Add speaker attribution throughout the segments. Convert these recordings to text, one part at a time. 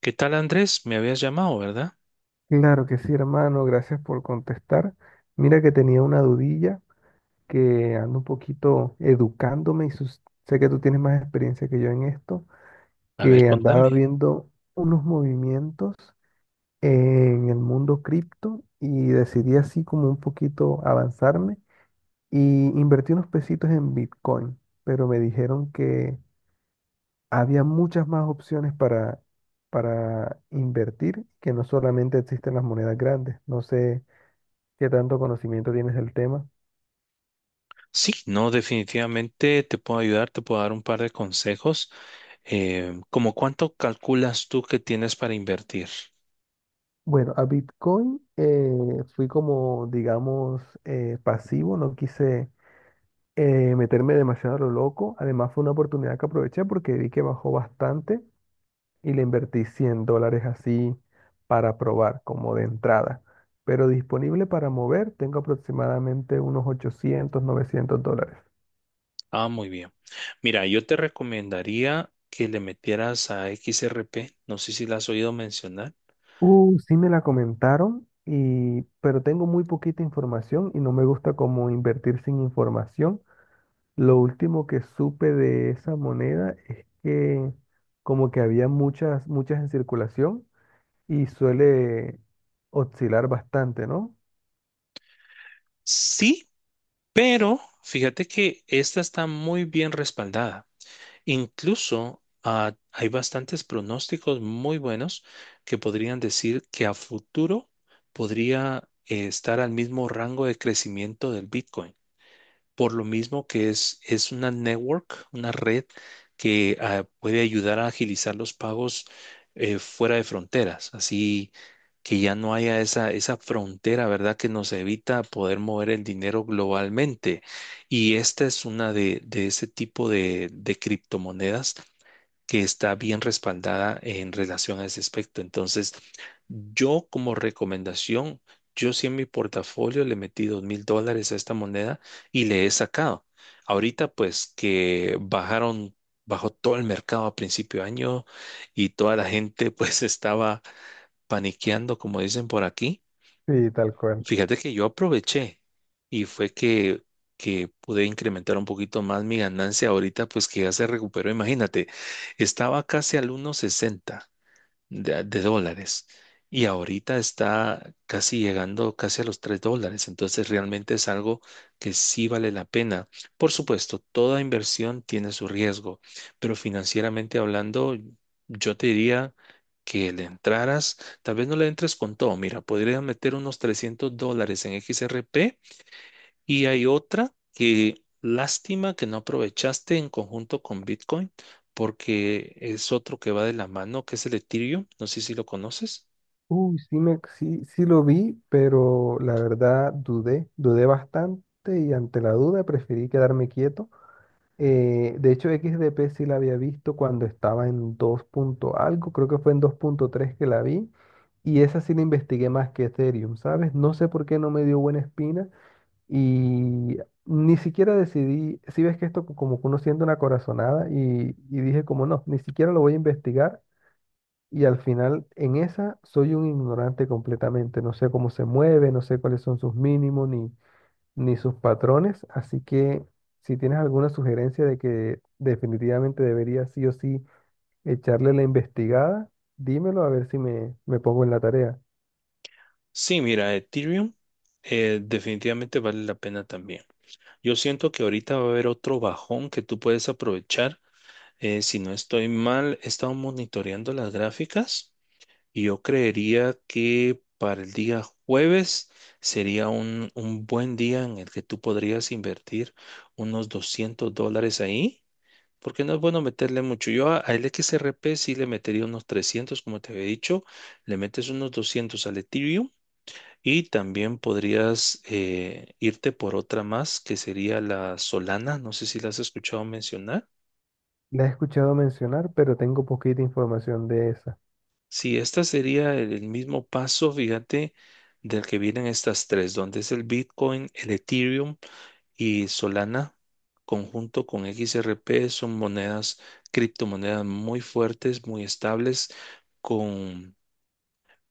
Speaker 1: ¿Qué tal, Andrés? Me habías llamado, ¿verdad?
Speaker 2: Claro que sí, hermano, gracias por contestar. Mira que tenía una dudilla que ando un poquito educándome y sé que tú tienes más experiencia que yo en esto,
Speaker 1: A ver,
Speaker 2: que andaba
Speaker 1: contame.
Speaker 2: viendo unos movimientos en el mundo cripto y decidí así como un poquito avanzarme y invertí unos pesitos en Bitcoin, pero me dijeron que había muchas más opciones para invertir, que no solamente existen las monedas grandes. No sé. ¿Qué tanto conocimiento tienes del tema?
Speaker 1: Sí, no, definitivamente te puedo ayudar, te puedo dar un par de consejos. ¿Cómo cuánto calculas tú que tienes para invertir?
Speaker 2: Bueno, a Bitcoin fui como, digamos, pasivo, no quise meterme demasiado a lo loco. Además fue una oportunidad que aproveché porque vi que bajó bastante y le invertí $100 así para probar, como de entrada. Pero disponible para mover tengo aproximadamente unos $800 $900.
Speaker 1: Ah, muy bien. Mira, yo te recomendaría que le metieras a XRP. No sé si la has oído mencionar.
Speaker 2: Sí me la comentaron, pero tengo muy poquita información y no me gusta como invertir sin información. Lo último que supe de esa moneda es que como que había muchas, muchas en circulación y suele oscilar bastante, ¿no?
Speaker 1: Sí, pero fíjate que esta está muy bien respaldada. Incluso hay bastantes pronósticos muy buenos que podrían decir que a futuro podría estar al mismo rango de crecimiento del Bitcoin por lo mismo que es una network, una red que puede ayudar a agilizar los pagos fuera de fronteras, así que ya no haya esa frontera, ¿verdad? Que nos evita poder mover el dinero globalmente. Y esta es una de ese tipo de criptomonedas que está bien respaldada en relación a ese aspecto. Entonces, yo como recomendación, yo sí en mi portafolio le metí $2,000 a esta moneda y le he sacado. Ahorita, pues que bajaron, bajó todo el mercado a principio de año y toda la gente pues estaba paniqueando, como dicen por aquí.
Speaker 2: Sí, tal cual.
Speaker 1: Fíjate que yo aproveché y fue que pude incrementar un poquito más mi ganancia ahorita, pues que ya se recuperó. Imagínate, estaba casi al 1.60 de dólares y ahorita está casi llegando casi a los $3. Entonces realmente es algo que sí vale la pena. Por supuesto, toda inversión tiene su riesgo, pero financieramente hablando, yo te diría que le entraras, tal vez no le entres con todo. Mira, podrías meter unos $300 en XRP y hay otra que lástima que no aprovechaste en conjunto con Bitcoin, porque es otro que va de la mano, que es el Ethereum. No sé si lo conoces.
Speaker 2: Sí, sí, sí lo vi, pero la verdad dudé, dudé bastante y ante la duda preferí quedarme quieto. De hecho, XDP sí la había visto cuando estaba en 2 punto algo, creo que fue en 2.3 que la vi, y esa sí la investigué más que Ethereum, ¿sabes? No sé por qué no me dio buena espina. Y ni siquiera decidí, si ves que esto como que uno siente una corazonada y dije como no, ni siquiera lo voy a investigar y al final en esa soy un ignorante completamente, no sé cómo se mueve, no sé cuáles son sus mínimos ni, ni sus patrones, así que si tienes alguna sugerencia de que definitivamente debería sí o sí echarle la investigada, dímelo a ver si me pongo en la tarea.
Speaker 1: Sí, mira, Ethereum definitivamente vale la pena también. Yo siento que ahorita va a haber otro bajón que tú puedes aprovechar. Si no estoy mal, he estado monitoreando las gráficas. Y yo creería que para el día jueves sería un buen día en el que tú podrías invertir unos $200 ahí, porque no es bueno meterle mucho. Yo al XRP sí le metería unos 300 como te había dicho, le metes unos 200 al Ethereum y también podrías irte por otra más que sería la Solana, no sé si la has escuchado mencionar.
Speaker 2: La he escuchado mencionar, pero tengo poquita información de esa.
Speaker 1: Sí, este sería el mismo paso, fíjate, del que vienen estas tres, donde es el Bitcoin, el Ethereum y Solana, conjunto con XRP, son monedas, criptomonedas muy fuertes, muy estables,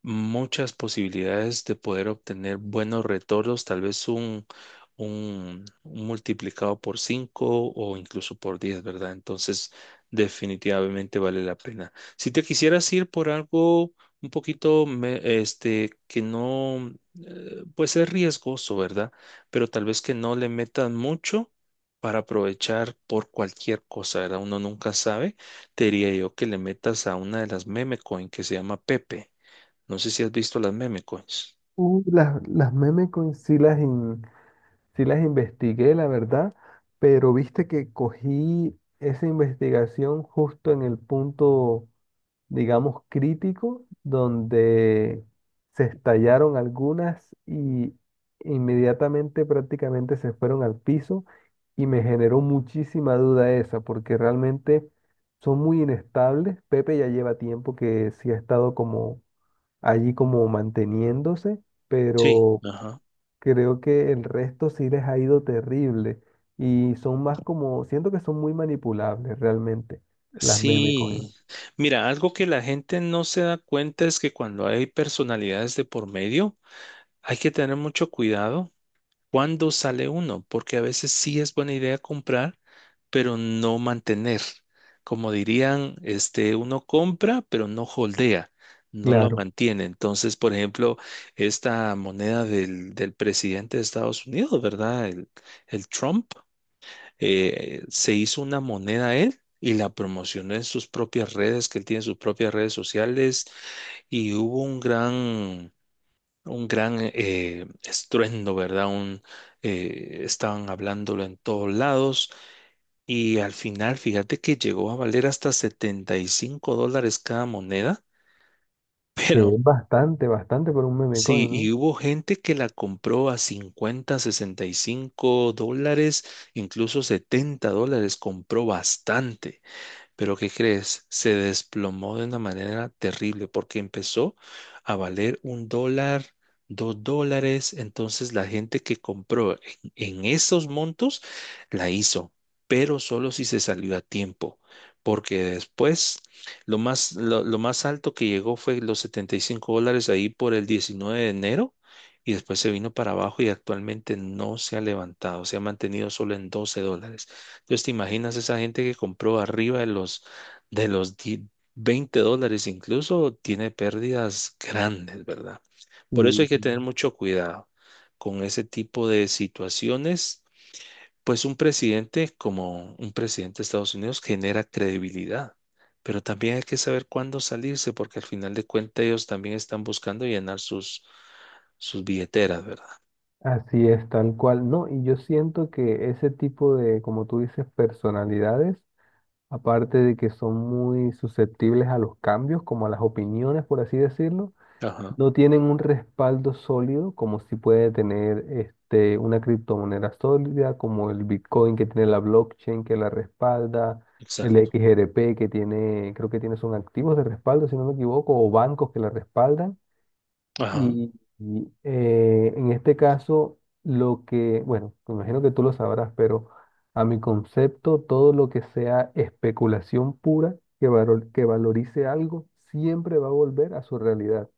Speaker 1: muchas posibilidades de poder obtener buenos retornos, tal vez un multiplicado por 5 o incluso por 10, ¿verdad? Entonces, definitivamente vale la pena. Si te quisieras ir por algo un poquito, que no, pues es riesgoso, ¿verdad? Pero tal vez que no le metan mucho, para aprovechar por cualquier cosa, ¿verdad? Uno nunca sabe. Te diría yo que le metas a una de las meme coin que se llama Pepe. No sé si has visto las meme coins.
Speaker 2: Las memes coins sí sí las investigué, la verdad, pero viste que cogí esa investigación justo en el punto, digamos, crítico, donde se estallaron algunas y inmediatamente prácticamente se fueron al piso y me generó muchísima duda esa, porque realmente son muy inestables. Pepe ya lleva tiempo que sí ha estado como allí como manteniéndose,
Speaker 1: Sí,
Speaker 2: pero
Speaker 1: ajá.
Speaker 2: creo que el resto sí les ha ido terrible y son más como, siento que son muy manipulables realmente las meme coin.
Speaker 1: Sí. Mira, algo que la gente no se da cuenta es que cuando hay personalidades de por medio, hay que tener mucho cuidado cuando sale uno, porque a veces sí es buena idea comprar, pero no mantener. Como dirían, uno compra, pero no holdea, no lo
Speaker 2: Claro,
Speaker 1: mantiene. Entonces, por ejemplo, esta moneda del presidente de Estados Unidos, ¿verdad? El Trump. Se hizo una moneda él y la promocionó en sus propias redes, que él tiene sus propias redes sociales y hubo un gran estruendo, ¿verdad? Estaban hablándolo en todos lados y al final, fíjate que llegó a valer hasta $75 cada moneda,
Speaker 2: que
Speaker 1: pero.
Speaker 2: es bastante, bastante por un meme
Speaker 1: Sí,
Speaker 2: coin, ¿no?
Speaker 1: y hubo gente que la compró a 50, $65, incluso $70, compró bastante. Pero ¿qué crees? Se desplomó de una manera terrible porque empezó a valer $1, $2. Entonces la gente que compró en esos montos la hizo, pero solo si se salió a tiempo. Porque después lo más alto que llegó fue los $75 ahí por el 19 de enero y después se vino para abajo y actualmente no se ha levantado, se ha mantenido solo en $12. Entonces, ¿te imaginas esa gente que compró arriba de los $20 incluso tiene pérdidas grandes, ¿verdad? Por eso hay
Speaker 2: Y
Speaker 1: que tener mucho cuidado con ese tipo de situaciones. Pues un presidente como un presidente de Estados Unidos genera credibilidad, pero también hay que saber cuándo salirse, porque al final de cuentas ellos también están buscando llenar sus billeteras, ¿verdad?
Speaker 2: así es, tal cual. No, y yo siento que ese tipo de, como tú dices, personalidades, aparte de que son muy susceptibles a los cambios, como a las opiniones, por así decirlo,
Speaker 1: Ajá,
Speaker 2: no tienen un respaldo sólido como si puede tener este, una criptomoneda sólida como el Bitcoin que tiene la blockchain que la respalda, el
Speaker 1: exacto.
Speaker 2: XRP que tiene, creo que tiene son activos de respaldo si no me equivoco, o bancos que la respaldan.
Speaker 1: Ajá,
Speaker 2: Y, en este caso, lo que, bueno, me imagino que tú lo sabrás, pero a mi concepto, todo lo que sea especulación pura que valorice algo siempre va a volver a su realidad.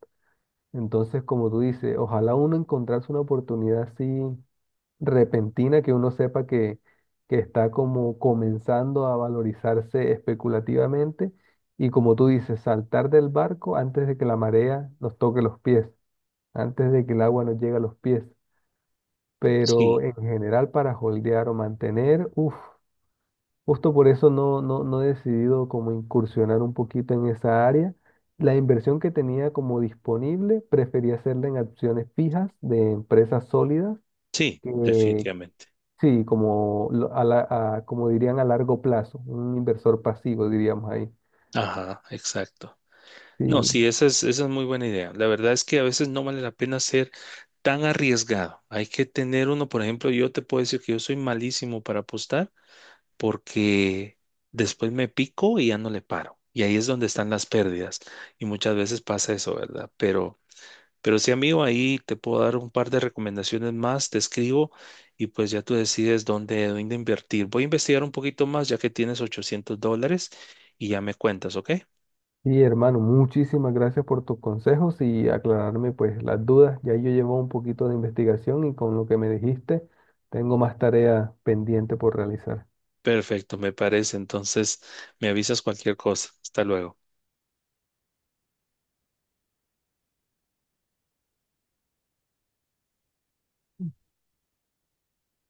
Speaker 2: Entonces, como tú dices, ojalá uno encontrase una oportunidad así repentina que uno sepa que está como comenzando a valorizarse especulativamente y como tú dices, saltar del barco antes de que la marea nos toque los pies, antes de que el agua nos llegue a los pies. Pero
Speaker 1: sí,
Speaker 2: en general para holdear o mantener, uff. Justo por eso no, no, no he decidido como incursionar un poquito en esa área. La inversión que tenía como disponible, prefería hacerla en acciones fijas de empresas sólidas,
Speaker 1: sí,
Speaker 2: que
Speaker 1: definitivamente.
Speaker 2: sí, como, como dirían a largo plazo, un inversor pasivo, diríamos ahí.
Speaker 1: Ajá, exacto.
Speaker 2: Sí,
Speaker 1: No, sí, esa es muy buena idea. La verdad es que a veces no vale la pena ser tan arriesgado. Hay que tener uno, por ejemplo, yo te puedo decir que yo soy malísimo para apostar porque después me pico y ya no le paro. Y ahí es donde están las pérdidas. Y muchas veces pasa eso, ¿verdad? Pero sí, amigo, ahí te puedo dar un par de recomendaciones más, te escribo y pues ya tú decides dónde invertir. Voy a investigar un poquito más ya que tienes $800 y ya me cuentas, ¿ok?
Speaker 2: sí, hermano, muchísimas gracias por tus consejos y aclararme pues las dudas. Ya yo llevo un poquito de investigación y con lo que me dijiste, tengo más tarea pendiente por realizar.
Speaker 1: Perfecto, me parece. Entonces, me avisas cualquier cosa. Hasta luego.